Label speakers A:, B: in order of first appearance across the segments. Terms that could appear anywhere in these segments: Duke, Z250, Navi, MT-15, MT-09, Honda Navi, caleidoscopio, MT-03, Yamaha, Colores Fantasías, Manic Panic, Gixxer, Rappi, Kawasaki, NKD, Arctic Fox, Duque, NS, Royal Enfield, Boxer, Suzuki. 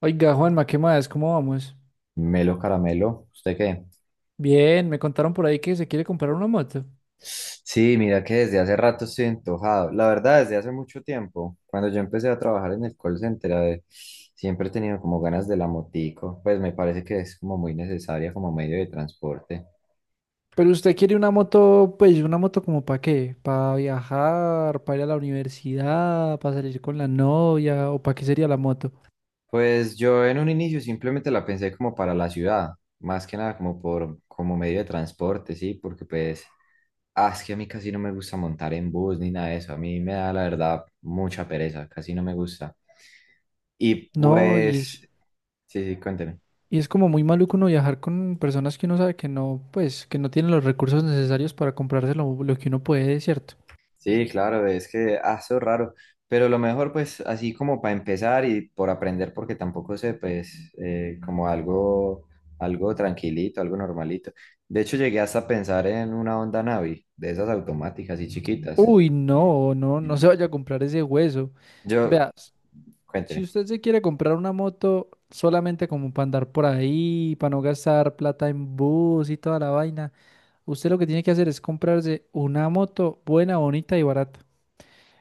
A: Oiga, Juanma, ¿qué más? ¿Cómo vamos?
B: Melo caramelo, ¿usted qué?
A: Bien, me contaron por ahí que se quiere comprar una moto.
B: Sí, mira que desde hace rato estoy antojado. La verdad, desde hace mucho tiempo, cuando yo empecé a trabajar en el call center, a ver, siempre he tenido como ganas de la motico, pues me parece que es como muy necesaria como medio de transporte.
A: Pero usted quiere una moto, pues, ¿una moto como para qué? ¿Para viajar? ¿Para ir a la universidad? ¿Para salir con la novia? ¿O para qué sería la moto?
B: Pues yo en un inicio simplemente la pensé como para la ciudad, más que nada como por como medio de transporte, sí, porque pues es que a mí casi no me gusta montar en bus ni nada de eso, a mí me da la verdad mucha pereza, casi no me gusta. Y
A: No, y es,
B: pues. Sí, sí, cuénteme.
A: y es como muy maluco uno viajar con personas que uno sabe que no, pues, que no tienen los recursos necesarios para comprarse lo que uno puede, ¿cierto?
B: Sí, claro, es que, eso es raro, pero lo mejor pues así como para empezar y por aprender, porque tampoco sé, pues como algo, algo tranquilito, algo normalito. De hecho, llegué hasta a pensar en una Honda Navi, de esas automáticas y chiquitas.
A: Uy, no, no, no se vaya a comprar ese hueso.
B: Yo,
A: Veas. Si
B: cuénteme.
A: usted se quiere comprar una moto solamente como para andar por ahí, para no gastar plata en bus y toda la vaina, usted lo que tiene que hacer es comprarse una moto buena, bonita y barata.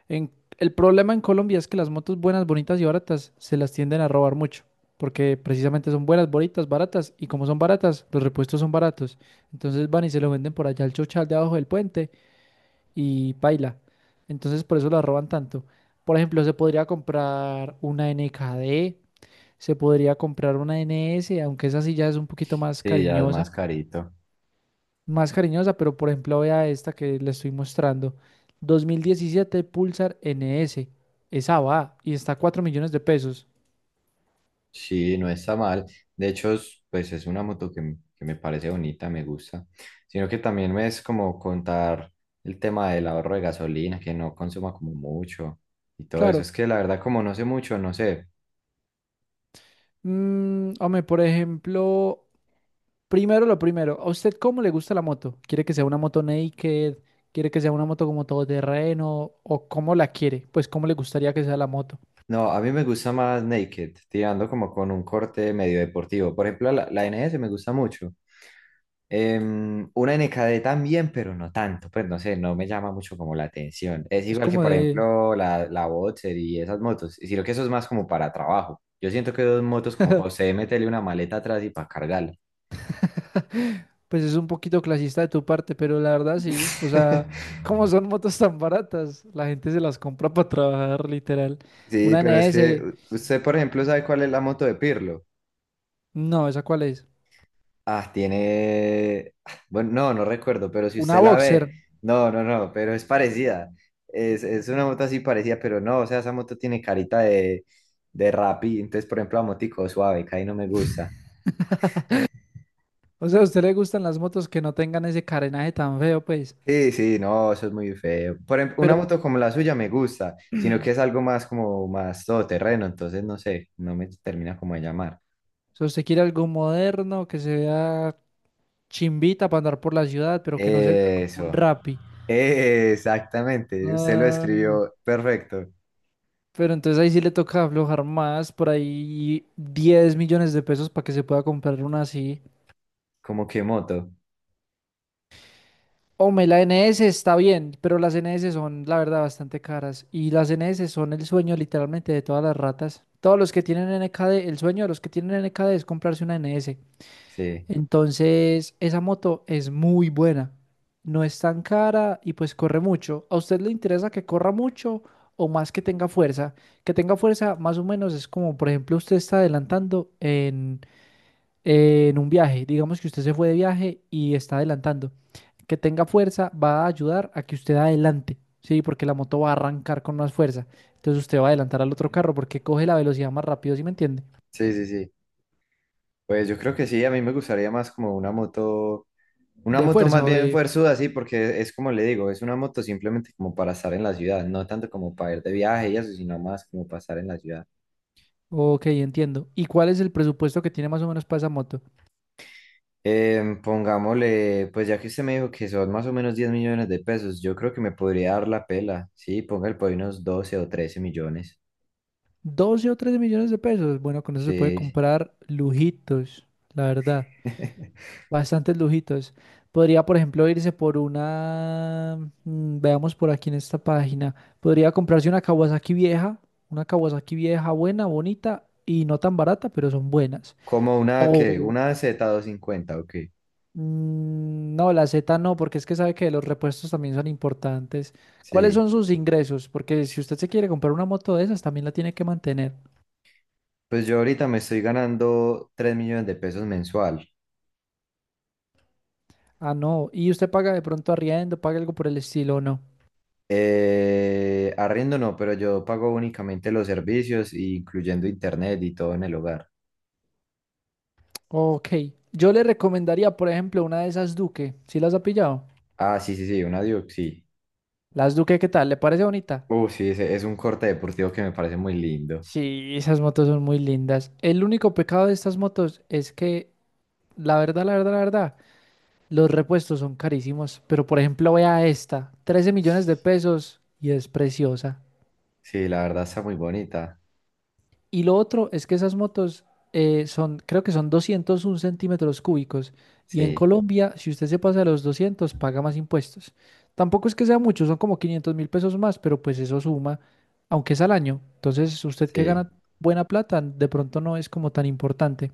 A: En- el problema en Colombia es que las motos buenas, bonitas y baratas se las tienden a robar mucho, porque precisamente son buenas, bonitas, baratas, y como son baratas, los repuestos son baratos. Entonces van y se lo venden por allá al chochal de abajo del puente y paila. Entonces por eso las roban tanto. Por ejemplo, se podría comprar una NS, aunque esa sí ya es un poquito
B: Sí, ya es más carito.
A: más cariñosa, pero por ejemplo vea esta que le estoy mostrando, 2017 Pulsar NS, esa va y está a 4 millones de pesos.
B: Sí, no está mal. De hecho, pues es una moto que, que me parece bonita, me gusta. Sino que también es como contar el tema del ahorro de gasolina, que no consuma como mucho y todo eso.
A: Claro,
B: Es que la verdad, como no sé mucho, no sé.
A: hombre, por ejemplo, primero lo primero, ¿a usted cómo le gusta la moto? ¿Quiere que sea una moto naked? ¿Quiere que sea una moto como todoterreno? ¿O cómo la quiere? Pues cómo le gustaría que sea la moto.
B: No, a mí me gusta más naked, tirando como con un corte medio deportivo. Por ejemplo, la NS me gusta mucho. Una NKD también, pero no tanto, pues no sé, no me llama mucho como la atención. Es
A: Es
B: igual que,
A: como
B: por
A: de.
B: ejemplo, la Boxer y esas motos, y sino que eso es más como para trabajo. Yo siento que dos motos como para usted meterle una maleta atrás y para cargarla.
A: Pues es un poquito clasista de tu parte, pero la verdad sí. O sea, ¿cómo son motos tan baratas? La gente se las compra para trabajar, literal.
B: Sí,
A: Una
B: pero es que
A: NS,
B: usted, por ejemplo, sabe cuál es la moto de Pirlo.
A: no, ¿esa cuál es?
B: Ah, tiene. Bueno, no, no recuerdo, pero si
A: Una
B: usted la
A: Boxer.
B: ve, no, no, no, pero es parecida. Es una moto así parecida, pero no, o sea, esa moto tiene carita de Rappi. Entonces, por ejemplo, la motico suave, que ahí no me gusta.
A: O sea, a usted le gustan las motos que no tengan ese carenaje tan feo, pues.
B: Sí, sí, no, eso es muy feo. Por ejemplo, una
A: Pero
B: moto como la suya me gusta, sino que es algo más como más todoterreno, entonces no sé, no me termina como de llamar.
A: si usted quiere algo moderno, que se vea chimbita para andar por la ciudad, pero que no se vea como un
B: Eso,
A: Rappi.
B: exactamente, usted lo
A: Ah,
B: escribió perfecto,
A: pero entonces ahí sí le toca aflojar más, por ahí 10 millones de pesos para que se pueda comprar una así.
B: como que moto,
A: Hombre, la N S está bien, pero las N S son, la verdad, bastante caras. Y las N S son el sueño literalmente de todas las ratas. Todos los que tienen N NKD, el sueño de los que tienen N NKD es comprarse una N S.
B: sí,
A: Entonces, esa moto es muy buena. No es tan cara y pues corre mucho. ¿A usted le interesa que corra mucho o más que tenga fuerza? Que tenga fuerza más o menos es como, por ejemplo, usted está adelantando en un viaje. Digamos que usted se fue de viaje y está adelantando. Que tenga fuerza va a ayudar a que usted adelante, ¿sí? Porque la moto va a arrancar con más fuerza. Entonces usted va a adelantar al otro carro porque coge la velocidad más rápido, ¿sí me entiende?
B: sí, sí, sí. Pues yo creo que sí, a mí me gustaría más como una
A: De
B: moto más
A: fuerza o
B: bien
A: de.
B: fuerzuda, sí, porque es como le digo, es una moto simplemente como para estar en la ciudad, no tanto como para ir de viaje y eso, sino más como para estar en la ciudad.
A: Ok, entiendo. ¿Y cuál es el presupuesto que tiene más o menos para esa moto?
B: Pongámosle, pues ya que usted me dijo que son más o menos 10 millones de pesos, yo creo que me podría dar la pela, sí, póngale por ahí unos 12 o 13 millones,
A: 12 o 13 millones de pesos. Bueno, con eso se puede
B: sí.
A: comprar lujitos, la verdad. Bastantes lujitos. Podría, por ejemplo, irse por una, veamos por aquí en esta página, podría comprarse una Kawasaki vieja buena, bonita y no tan barata, pero son buenas.
B: Como
A: O,
B: una Z250, 250, ok,
A: no, la Z no, porque es que sabe que los repuestos también son importantes. ¿Cuáles
B: sí.
A: son sus ingresos? Porque si usted se quiere comprar una moto de esas, también la tiene que mantener.
B: Pues yo ahorita me estoy ganando 3 millones de pesos mensual.
A: Ah, no. ¿Y usted paga de pronto arriendo, paga algo por el estilo o no?
B: Arriendo no, pero yo pago únicamente los servicios, incluyendo internet y todo en el hogar.
A: Ok, yo le recomendaría, por ejemplo, una de esas Duque. ¿Sí las ha pillado?
B: Ah, sí, sí, sí, una Duke, sí.
A: Las Duque, ¿qué tal? ¿Le parece bonita?
B: Sí, ese es un corte deportivo que me parece muy lindo.
A: Sí, esas motos son muy lindas. El único pecado de estas motos es que, la verdad, la verdad, la verdad, los repuestos son carísimos. Pero, por ejemplo, vea esta, 13 millones de pesos y es preciosa.
B: Sí, la verdad está muy bonita.
A: Y lo otro es que esas motos son, creo que son 201 centímetros cúbicos. Y en
B: Sí,
A: Colombia, si usted se pasa de los 200, paga más impuestos. Tampoco es que sea mucho, son como 500 mil pesos más, pero pues eso suma, aunque es al año. Entonces, usted que
B: sí.
A: gana buena plata, de pronto no es como tan importante.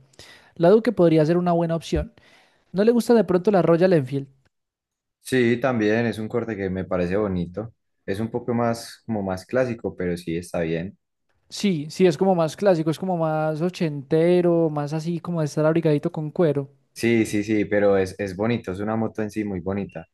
A: La Duke podría ser una buena opción. ¿No le gusta de pronto la Royal Enfield?
B: Sí, también es un corte que me parece bonito. Es un poco más, como más clásico, pero sí está bien.
A: Sí, sí, es como más clásico, es como más ochentero, más así como de estar abrigadito con cuero.
B: Sí, sí, sí, pero es bonito, es una moto en sí muy bonita.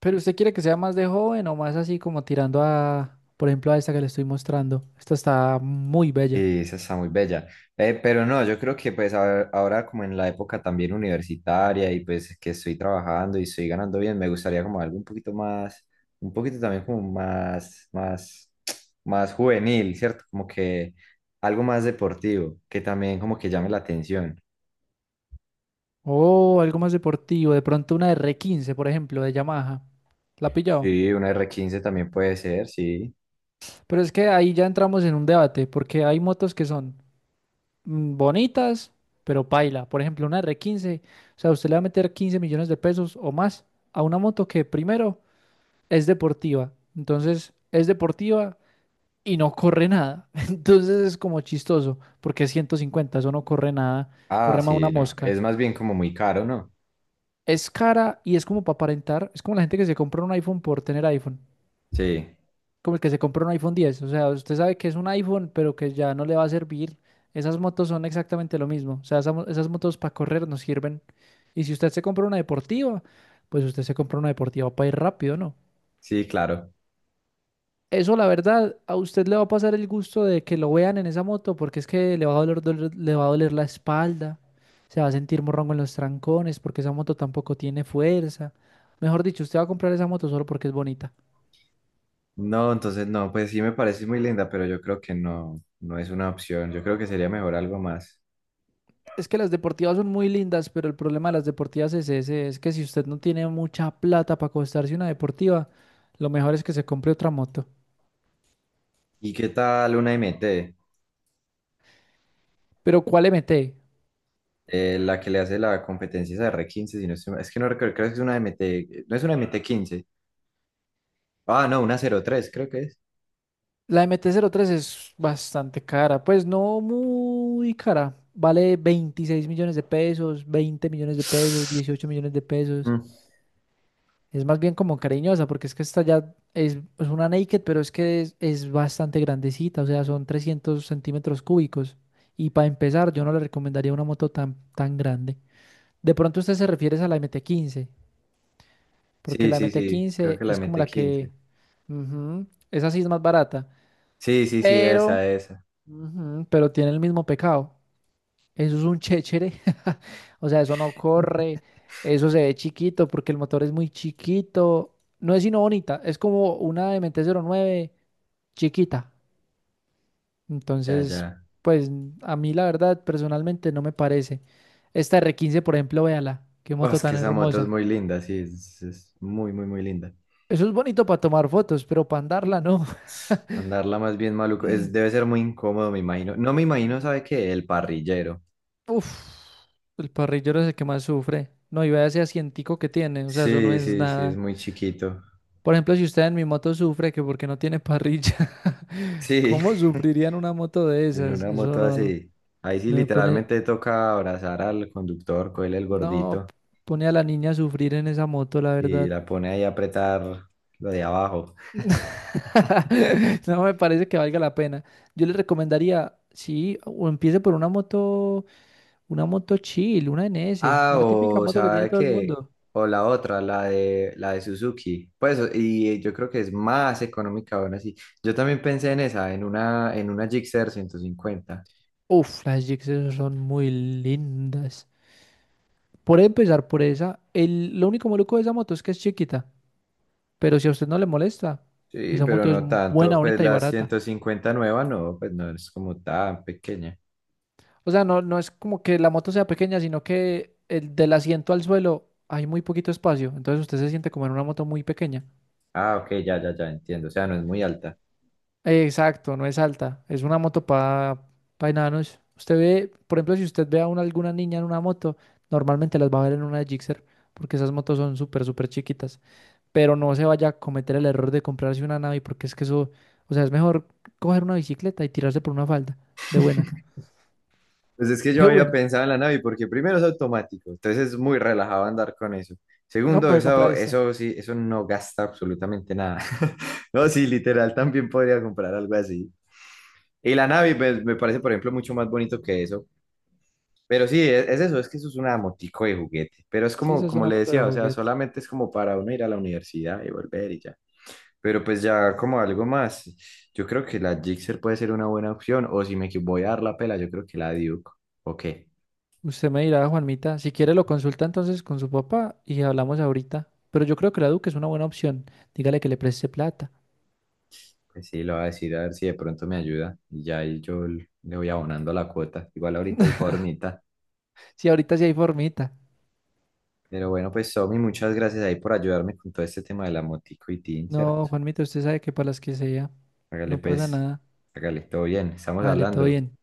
A: Pero usted quiere que sea más de joven o más así como tirando a, por ejemplo, a esta que le estoy mostrando. Esta está muy bella.
B: Sí, esa está muy bella. Pero no, yo creo que pues ahora como en la época también universitaria y pues que estoy trabajando y estoy ganando bien, me gustaría como algo un poquito más, un poquito también como más juvenil, ¿cierto? Como que algo más deportivo, que también como que llame la atención.
A: O algo más deportivo, de pronto una R15, por ejemplo, de Yamaha. ¿La ha pillado?
B: Sí, una R15 también puede ser, sí.
A: Pero es que ahí ya entramos en un debate, porque hay motos que son bonitas, pero paila. Por ejemplo, una R15. O sea, usted le va a meter 15 millones de pesos o más a una moto que primero es deportiva. Entonces, es deportiva, y no corre nada. Entonces es como chistoso, porque es 150, eso no corre nada,
B: Ah,
A: corre más una
B: sí, no.
A: mosca.
B: Es más bien como muy caro, ¿no?
A: Es cara y es como para aparentar, es como la gente que se compra un iPhone por tener iPhone,
B: Sí,
A: como el que se compra un iPhone 10, o sea, usted sabe que es un iPhone, pero que ya no le va a servir. Esas motos son exactamente lo mismo, o sea, esas motos para correr nos sirven. Y si usted se compra una deportiva, pues usted se compra una deportiva para ir rápido, ¿no?
B: sí, claro.
A: Eso, la verdad, a usted le va a pasar el gusto de que lo vean en esa moto, porque es que le va a le va a doler la espalda, se va a sentir morrongo en los trancones, porque esa moto tampoco tiene fuerza. Mejor dicho, usted va a comprar esa moto solo porque es bonita.
B: No, entonces no, pues sí me parece muy linda, pero yo creo que no, no es una opción. Yo creo que sería mejor algo más.
A: Es que las deportivas son muy lindas, pero el problema de las deportivas es ese, es que si usted no tiene mucha plata para costarse una deportiva, lo mejor es que se compre otra moto.
B: ¿Y qué tal una MT?
A: Pero ¿cuál MT?
B: La que le hace la competencia esa R15, si no estoy mal. Es que no recuerdo, creo que es una MT, no es una MT15. Ah, no, una 03, creo que es.
A: La MT-03 es bastante cara, pues no muy cara. Vale 26 millones de pesos, 20 millones de pesos, 18 millones de pesos.
B: Mm.
A: Es más bien como cariñosa, porque es que esta ya es una naked, pero es que es bastante grandecita, o sea, son 300 centímetros cúbicos. Y para empezar, yo no le recomendaría una moto tan, tan grande. De pronto usted se refiere a la MT-15, porque
B: Sí,
A: la
B: sí, sí, creo
A: MT-15
B: que la
A: es
B: M
A: como
B: T
A: la que.
B: quince.
A: Ujú, esa sí es más barata,
B: Sí, sí, sí,
A: pero.
B: esa, esa.
A: Ujú, pero tiene el mismo pecado. Eso es un chéchere. O sea, eso no corre. Eso se ve chiquito porque el motor es muy chiquito. No es sino bonita. Es como una MT-09 chiquita.
B: Ya,
A: Entonces,
B: ya.
A: pues a mí la verdad personalmente no me parece. Esta R15, por ejemplo, véala. Qué
B: Oh,
A: moto
B: es que
A: tan
B: esa moto es
A: hermosa.
B: muy linda, sí, es muy, muy, muy linda.
A: Eso es bonito para tomar fotos, pero para andarla no.
B: Andarla más bien maluco, debe ser muy incómodo, me imagino. No me imagino, ¿sabe qué? El parrillero.
A: Uf, el parrillero es el que más sufre. No, y vea ese asientico que tiene. O sea, eso no
B: Sí,
A: es
B: sí, sí, es
A: nada.
B: muy chiquito.
A: Por ejemplo, si usted en mi moto sufre que porque no tiene parrilla,
B: Sí,
A: ¿cómo sufriría en una moto de
B: en
A: esas?
B: una
A: Eso
B: moto
A: no,
B: así. Ahí sí
A: no me pone,
B: literalmente toca abrazar al conductor, cogerle el
A: no
B: gordito
A: pone a la niña a sufrir en esa moto, la
B: y
A: verdad.
B: la pone ahí a apretar lo de abajo.
A: No me parece que valga la pena. Yo le recomendaría, sí, o empiece por una moto chill, una NS,
B: Ah,
A: la típica
B: o
A: moto que tiene
B: ¿sabe
A: todo el
B: qué?
A: mundo.
B: O la otra, la de Suzuki. Pues y yo creo que es más económica aún así. Yo también pensé en esa, en una Gixxer 150.
A: Uf, las Gixxer son muy lindas. Por empezar por esa, lo único maluco de esa moto es que es chiquita. Pero si a usted no le molesta,
B: Sí,
A: esa
B: pero
A: moto es
B: no
A: buena,
B: tanto, pues
A: bonita y
B: la
A: barata.
B: 150 nueva no, pues no es como tan pequeña.
A: O sea, no, no es como que la moto sea pequeña, sino que del asiento al suelo hay muy poquito espacio. Entonces usted se siente como en una moto muy pequeña.
B: Ah, ok, ya, ya, ya, entiendo. O sea, no es muy alta.
A: Exacto, no es alta. Es una moto para pa enanos. Usted ve, por ejemplo, si usted ve a alguna niña en una moto, normalmente las va a ver en una Gixxer, porque esas motos son súper, súper chiquitas. Pero no se vaya a cometer el error de comprarse una Navi, porque es que eso, o sea, es mejor coger una bicicleta y tirarse por una falda de buena.
B: Pues es que yo
A: De
B: había
A: buena.
B: pensado en la Navi porque primero es automático, entonces es muy relajado andar con eso.
A: No,
B: Segundo,
A: puede
B: eso,
A: comprar esta.
B: eso sí, eso no gasta absolutamente nada. No, sí, literal, también podría comprar algo así. Y la Navi pues, me parece, por ejemplo, mucho más bonito que eso. Pero sí, es eso, es que eso es una motico de juguete. Pero es
A: Sí,
B: como,
A: esa es
B: como
A: una
B: le
A: moto de
B: decía, o sea,
A: juguete.
B: solamente es como para uno ir a la universidad y volver y ya. Pero pues ya como algo más, yo creo que la Gixxer puede ser una buena opción, o si me voy a dar la pela, yo creo que la Duke, o qué,
A: Usted me dirá, Juanmita, si quiere lo consulta entonces con su papá y hablamos ahorita. Pero yo creo que la Duque es una buena opción. Dígale que le preste plata.
B: pues sí, lo voy a decir a ver si de pronto me ayuda, y ya ahí yo le voy abonando la cuota, igual ahorita hay formita,
A: Sí, ahorita sí hay formita.
B: pero bueno, pues Somi, muchas gracias ahí por ayudarme con todo este tema de la motico y tin,
A: No,
B: ¿cierto?
A: Juanmita, usted sabe que para las que sea,
B: Hágale
A: no pasa
B: pues,
A: nada.
B: hágale, todo bien, estamos
A: Dale, todo
B: hablando.
A: bien.